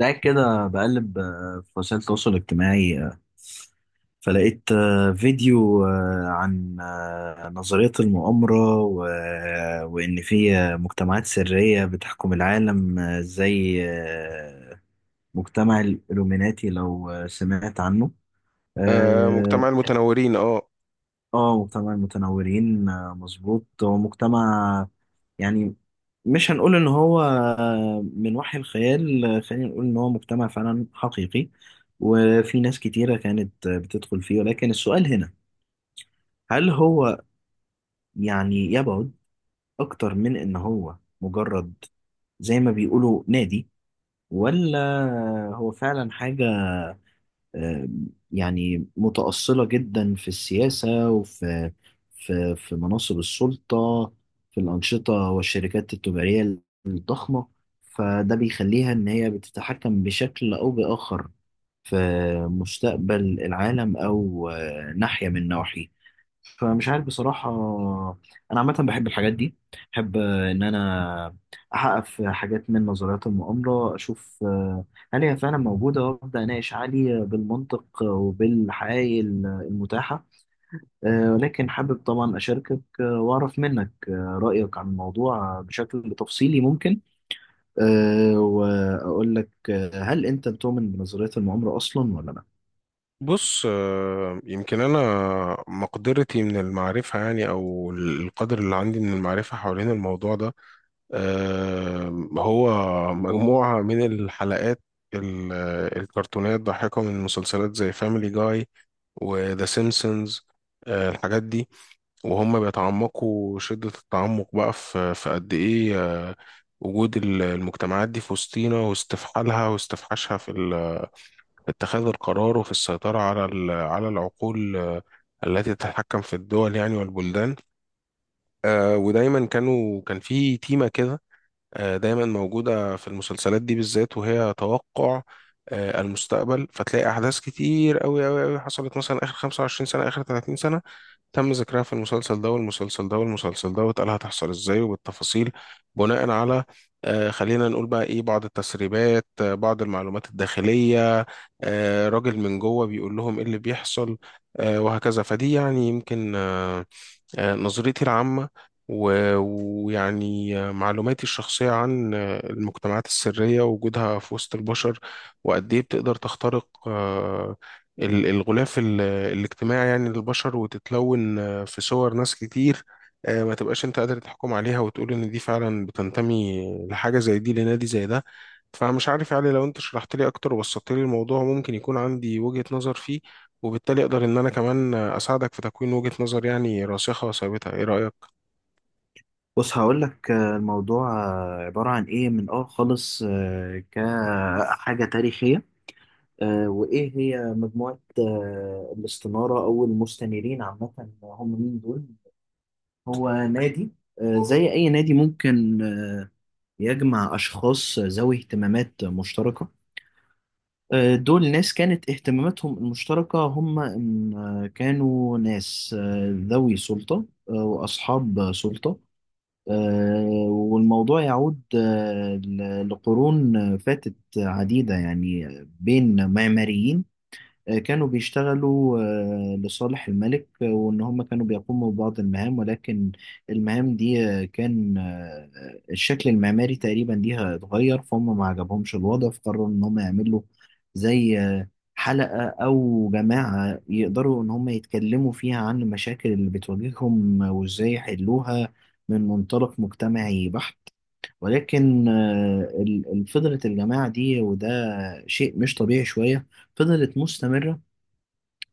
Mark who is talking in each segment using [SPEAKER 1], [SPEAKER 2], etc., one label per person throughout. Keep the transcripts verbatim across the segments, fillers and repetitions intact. [SPEAKER 1] ده كده بقلب آه، في وسائل التواصل الاجتماعي آه، فلقيت آه، فيديو آه، عن آه، نظرية المؤامرة و... آه، وإن في آه، مجتمعات سرية بتحكم العالم آه، زي آه، مجتمع الإلوميناتي، لو آه، سمعت عنه.
[SPEAKER 2] آه،
[SPEAKER 1] آه،
[SPEAKER 2] مجتمع المتنورين اه
[SPEAKER 1] اه، مجتمع المتنورين آه، مظبوط، هو مجتمع يعني مش هنقول ان هو آه، من وحي الخيال آه، خلينا نقول ان هو مجتمع فعلا حقيقي، وفي ناس كتيرة كانت آه، بتدخل فيه. ولكن السؤال هنا، هل هو يعني يبعد اكتر من ان هو مجرد زي ما بيقولوا نادي، ولا هو فعلا حاجة يعني متأصلة جدا في السياسة وفي في في مناصب السلطة، في الأنشطة والشركات التجارية الضخمة، فده بيخليها إن هي بتتحكم بشكل أو بآخر في مستقبل العالم أو آه، ناحية من نواحيه؟ فمش عارف بصراحة. أنا عامة بحب الحاجات دي، بحب آه، إن أنا أحقق في حاجات من نظريات المؤامرة، أشوف آه، هل هي فعلا موجودة، وأبدأ أناقش علي بالمنطق وبالحقائق المتاحة. آه، ولكن حابب طبعا أشاركك آه، وأعرف منك آه، رأيك عن الموضوع بشكل تفصيلي ممكن. آه، وأقول لك، آه، هل أنت بتؤمن بنظريات المؤامرة أصلا ولا لأ؟
[SPEAKER 2] بص، آه، يمكن انا مقدرتي من المعرفه يعني او القدر اللي عندي من المعرفه حوالين الموضوع ده. آه، هو مجموعه من الحلقات، ال- الكرتونات ضاحكه من مسلسلات زي فاميلي جاي وذا سيمبسونز، الحاجات دي. وهم بيتعمقوا شده التعمق بقى في في قد ايه آه، وجود ال- المجتمعات دي في وسطينا، واستفحالها واستفحاشها في اتخاذ القرار، وفي السيطرة على ال- على العقول، آه، التي تتحكم في الدول يعني والبلدان. آه، ودايما كانوا كان في تيمة كده، آه، دايما موجودة في المسلسلات دي بالذات. وهي توقع آه، المستقبل، فتلاقي أحداث كتير أوي أوي أوي حصلت مثلا آخر خمسة وعشرين سنة، آخر ثلاثين سنة، تم ذكرها في المسلسل ده والمسلسل ده والمسلسل ده، واتقال هتحصل ازاي وبالتفاصيل، بناء على آه خلينا نقول بقى ايه، بعض التسريبات، آه بعض المعلومات الداخلية، آه راجل من جوه بيقول لهم ايه اللي بيحصل، آه وهكذا. فدي يعني يمكن آه آه، نظريتي العامة، و- ويعني آه، معلوماتي الشخصية عن آه، المجتمعات السرية ووجودها في وسط البشر، وقد إيه بتقدر تخترق آه، ال- الغلاف ال- الاجتماعي يعني للبشر، وتتلون آه، في صور ناس كتير آه، ما تبقاش أنت قادر تحكم عليها وتقول إن دي فعلا بتنتمي لحاجة زي دي، لنادي زي ده. فمش عارف، يعني لو أنت شرحت لي أكتر وبسطت لي الموضوع، ممكن يكون عندي وجهة نظر فيه، وبالتالي اقدر ان انا كمان اساعدك في تكوين وجهة نظر يعني راسخة وثابتة. ايه رأيك؟
[SPEAKER 1] بص، هقول لك الموضوع آه، عبارة عن إيه، من آه خالص آه، كحاجة تاريخية. آه، وإيه هي مجموعة آه، الاستنارة أو المستنيرين عامة، هم مين دول؟ هو نادي آه، زي أي نادي، ممكن آه، يجمع أشخاص ذوي اهتمامات مشتركة. آه، دول ناس كانت اهتماماتهم المشتركة هم إن آه، كانوا ناس آه، ذوي سلطة آه، وأصحاب سلطة. آه، والموضوع يعود آه، ل- لقرون فاتت عديدة يعني، بين معماريين آه، كانوا بيشتغلوا آه، لصالح الملك آه، وإن هم كانوا بيقوموا ببعض المهام. ولكن المهام دي آه، كان آه، آه، الشكل المعماري تقريبا ليها اتغير، فهم ما عجبهمش الوضع، فقرروا إن هم يعملوا زي آه، حلقة أو جماعة يقدروا إن هم يتكلموا فيها عن المشاكل اللي بتواجههم وإزاي يحلوها من منطلق مجتمعي بحت. ولكن آه، ال- ال- فضلت الجماعة دي، وده شيء مش طبيعي شوية. فضلت مستمرة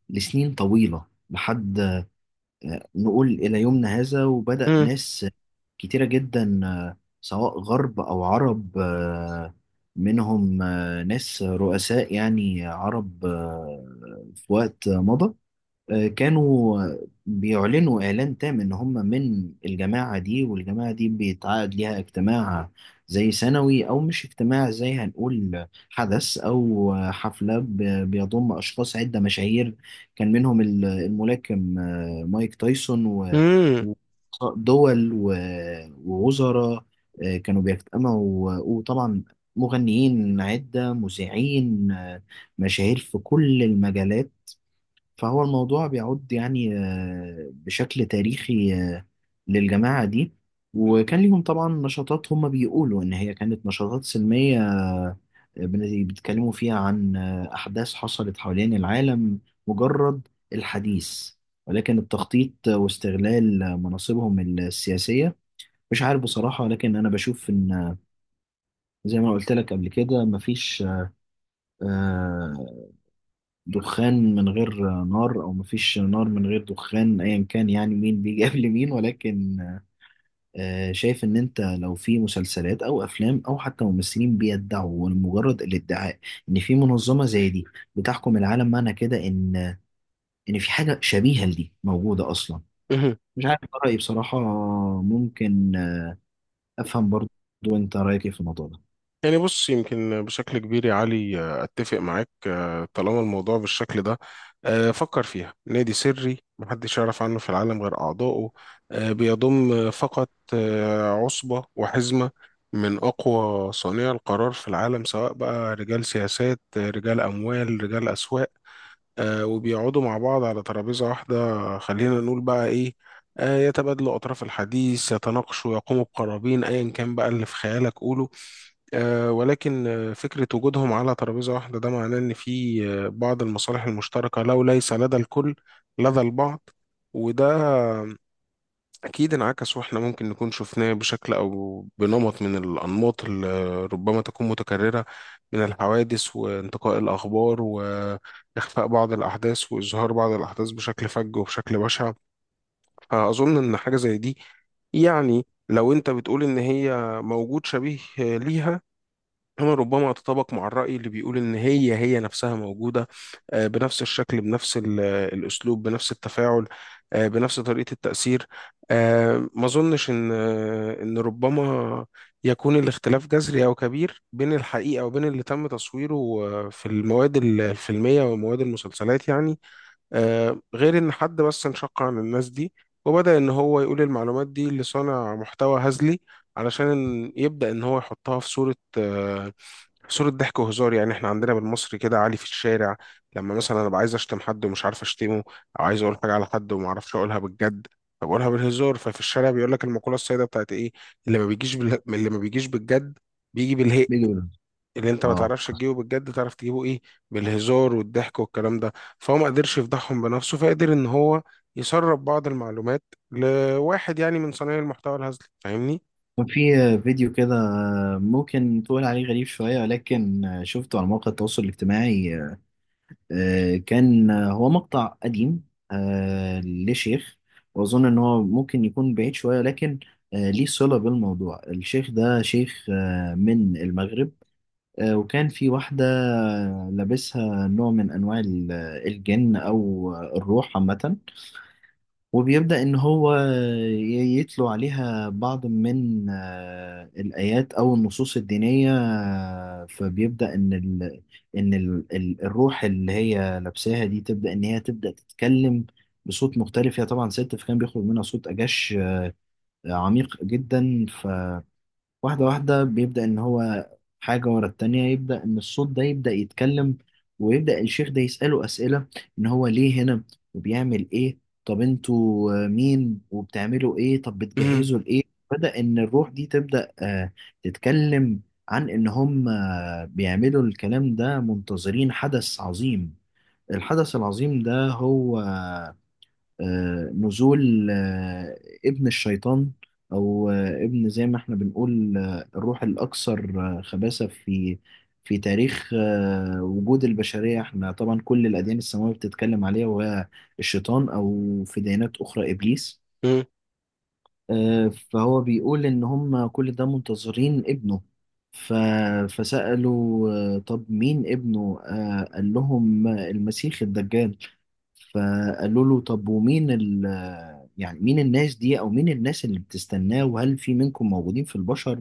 [SPEAKER 1] لسنين طويلة، لحد آه، نقول إلى يومنا هذا. وبدأ
[SPEAKER 2] مم.
[SPEAKER 1] ناس كتيرة جدا آه، سواء غرب أو عرب آه، منهم آه، ناس رؤساء يعني عرب آه، في وقت مضى آه، كانوا بيعلنوا إعلان تام إن هم من الجماعة دي، والجماعة دي بيتعقد ليها اجتماع زي سنوي، أو مش اجتماع، زي هنقول حدث أو حفلة ب- بيضم أشخاص عدة مشاهير. كان منهم ال- الملاكم آه، مايك تايسون و
[SPEAKER 2] مم.
[SPEAKER 1] و- دول و- ووزراء آه، كانوا بيجتمعوا، وطبعا مغنيين عدة مذيعين آه، مشاهير في كل المجالات. فهو الموضوع بيعود يعني آه، بشكل تاريخي آه، للجماعة دي. وكان ليهم طبعا نشاطات، هم بيقولوا إن هي كانت نشاطات سلمية آه، بن- بيتكلموا فيها عن آه، أحداث حصلت حوالين العالم، مجرد الحديث، ولكن التخطيط واستغلال مناصبهم السياسية مش عارف بصراحة. لكن أنا بشوف إن، زي ما قلت لك قبل كده، مفيش آه، دخان من غير نار، او مفيش نار من غير دخان، ايا كان يعني مين بيجي قبل مين. ولكن آه، شايف ان انت لو في مسلسلات او افلام او حتى ممثلين بيدعوا لمجرد الادعاء ان في منظمة زي دي بتحكم العالم، معنى كده ان ان في حاجة شبيهة لدي موجودة اصلا.
[SPEAKER 2] مهم.
[SPEAKER 1] مش عارف، ده رأيي بصراحة. ممكن افهم برضو، انت رأيك إيه في الموضوع ده؟
[SPEAKER 2] يعني بص، يمكن بشكل كبير يا علي آه، اتفق معاك آه، طالما الموضوع بالشكل ده. آه، فكر فيها نادي سري محدش يعرف عنه في العالم غير اعضائه، آه، بيضم فقط آه، عصبة وحزمة من اقوى صانعي القرار في العالم، سواء بقى رجال سياسات آه، رجال اموال، رجال اسواق، آه، وبيقعدوا مع بعض على ترابيزة واحدة. خلينا نقول بقى إيه، آه، يتبادلوا أطراف الحديث، يتناقشوا، يقوموا بقرابين، أيا كان بقى اللي في خيالك قوله. آه، ولكن آه، فكرة وجودهم على ترابيزة واحدة ده معناه إن في آه، بعض المصالح المشتركة، لو ليس لدى الكل لدى البعض. وده أكيد انعكس، وإحنا ممكن نكون شفناه بشكل أو بنمط من الأنماط اللي ربما تكون متكررة، من الحوادث وانتقاء الأخبار وإخفاء بعض الأحداث وإظهار بعض الأحداث بشكل فج وبشكل بشع. فأظن إن حاجة زي دي، يعني لو أنت بتقول إن هي موجود شبيه ليها هنا، ربما أتطابق مع الرأي اللي بيقول إن هي هي نفسها موجودة آه، بنفس الشكل، بنفس ال- الأسلوب، بنفس التفاعل، آه، بنفس طريقة التأثير. آه، ما أظنش إن آه، إن ربما يكون الاختلاف جذري أو كبير بين الحقيقة وبين اللي تم تصويره آه، في المواد ال- الفيلمية ومواد المسلسلات يعني. آه، غير إن حد بس انشق عن الناس دي وبدأ إن هو يقول المعلومات دي لصانع محتوى هزلي، علشان يبدأ إن هو يحطها في صورة آه، صورة ضحك وهزار. يعني احنا عندنا بالمصري كده عالي في الشارع، لما مثلا ابقى عايز اشتم حد ومش عارف اشتمه، او عايز اقول حاجة على حد وما اعرفش اقولها بالجد، فبقولها بالهزار. ففي الشارع بيقول لك المقولة السائدة بتاعت ايه؟ اللي ما بيجيش بال... اللي ما بيجيش بالجد بيجي بالهق.
[SPEAKER 1] بيجي بيقول-
[SPEAKER 2] اللي انت ما
[SPEAKER 1] اه،
[SPEAKER 2] تعرفش تجيبه بالجد، تعرف تجيبه ايه؟ بالهزار والضحك والكلام ده. فهو ما قدرش يفضحهم بنفسه، فقدر ان هو يسرب بعض المعلومات لواحد يعني من صنايع المحتوى الهزلي. فاهمني؟
[SPEAKER 1] كان في فيديو كده ممكن تقول عليه غريب شوية، ولكن شفته على مواقع التواصل الاجتماعي. آه، كان هو مقطع قديم آه، لشيخ، وأظن إن هو ممكن يكون بعيد شوية، لكن آه، ليه صلة بالموضوع. الشيخ ده شيخ آه، من المغرب. آه، وكان في واحدة لابسها نوع من أنواع ال- الجن أو الروح عامة. وبيبدأ إن هو ي- يتلو عليها بعض من آه، الآيات أو النصوص الدينية. آه، فبيبدأ إن ال إن ال ال- الروح اللي هي لابساها دي تبدأ إن هي تبدأ تتكلم بصوت مختلف. هي طبعا ست، فكان بيخرج منها صوت أجش آه، عميق جدا. واحدة واحدة بيبدأ إن هو حاجة ورا التانية، يبدأ إن الصوت ده يبدأ يتكلم، ويبدأ الشيخ ده يسأله أسئلة: إن هو ليه هنا، وبيعمل إيه، طب أنتوا آه، مين، وبتعملوا إيه، طب بتجهزوا لإيه. بدأ إن الروح دي تبدأ آه، تتكلم عن إن هم آه، بيعملوا الكلام ده منتظرين حدث عظيم. الحدث العظيم ده هو آه، نزول آه، ابن الشيطان. او آه، ابن، زي ما احنا بنقول آه، الروح الاكثر آه، خباثة في في تاريخ آه، وجود البشرية. احنا طبعا كل الاديان السماوية بتتكلم عليها، وهي الشيطان، او في ديانات اخرى ابليس. آه، فهو بيقول ان هم كل ده منتظرين ابنه. ف... فسألوا آه، طب مين ابنه؟ آه، قال لهم آه، المسيح الدجال. فقالوا له، طب ومين ال يعني مين الناس دي، او مين الناس اللي بتستناه، وهل في منكم موجودين في البشر؟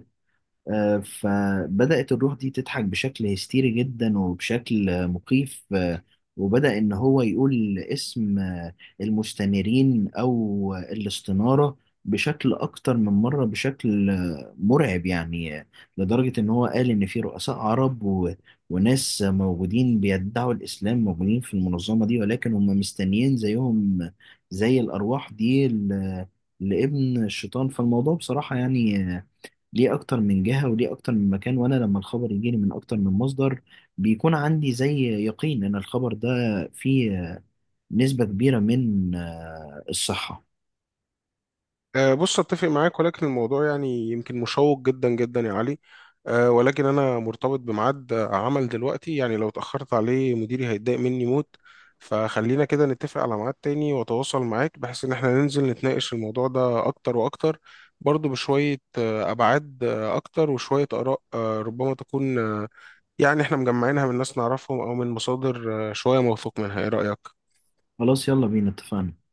[SPEAKER 1] آه، فبدأت الروح دي تضحك بشكل هستيري جدا، وبشكل آه، مخيف آه، وبدأ إن هو يقول اسم آه، المستنيرين أو آه، الاستنارة بشكل أكتر من مرة، بشكل آه، مرعب يعني آه، لدرجة إن هو قال إن في رؤساء عرب و... وناس موجودين بيدعوا الإسلام موجودين في المنظمة دي، ولكن هم مستنيين زيهم آه، زي الأرواح دي ل... لابن الشيطان. فالموضوع بصراحة يعني آه، ليه اكتر من جهة، وليه اكتر من مكان، وانا لما الخبر يجيني من اكتر من مصدر، بيكون عندي زي يقين ان الخبر ده فيه نسبة كبيرة من آه، الصحة.
[SPEAKER 2] أه، بص، اتفق معاك، ولكن الموضوع يعني يمكن مشوق جدا جدا يا علي. أه، ولكن انا مرتبط بميعاد آه، عمل دلوقتي، يعني لو اتاخرت عليه مديري هيتضايق مني موت. فخلينا كده نتفق على ميعاد تاني واتواصل معاك بحيث ان احنا ننزل نتناقش الموضوع ده اكتر واكتر، برضه بشوية أه، ابعاد أه، اكتر، وشوية اراء أه، ربما تكون أه، يعني احنا مجمعينها من ناس نعرفهم او من مصادر أه، شوية موثوق منها. ايه رأيك؟
[SPEAKER 1] خلاص، يلا بينا، اتفقنا.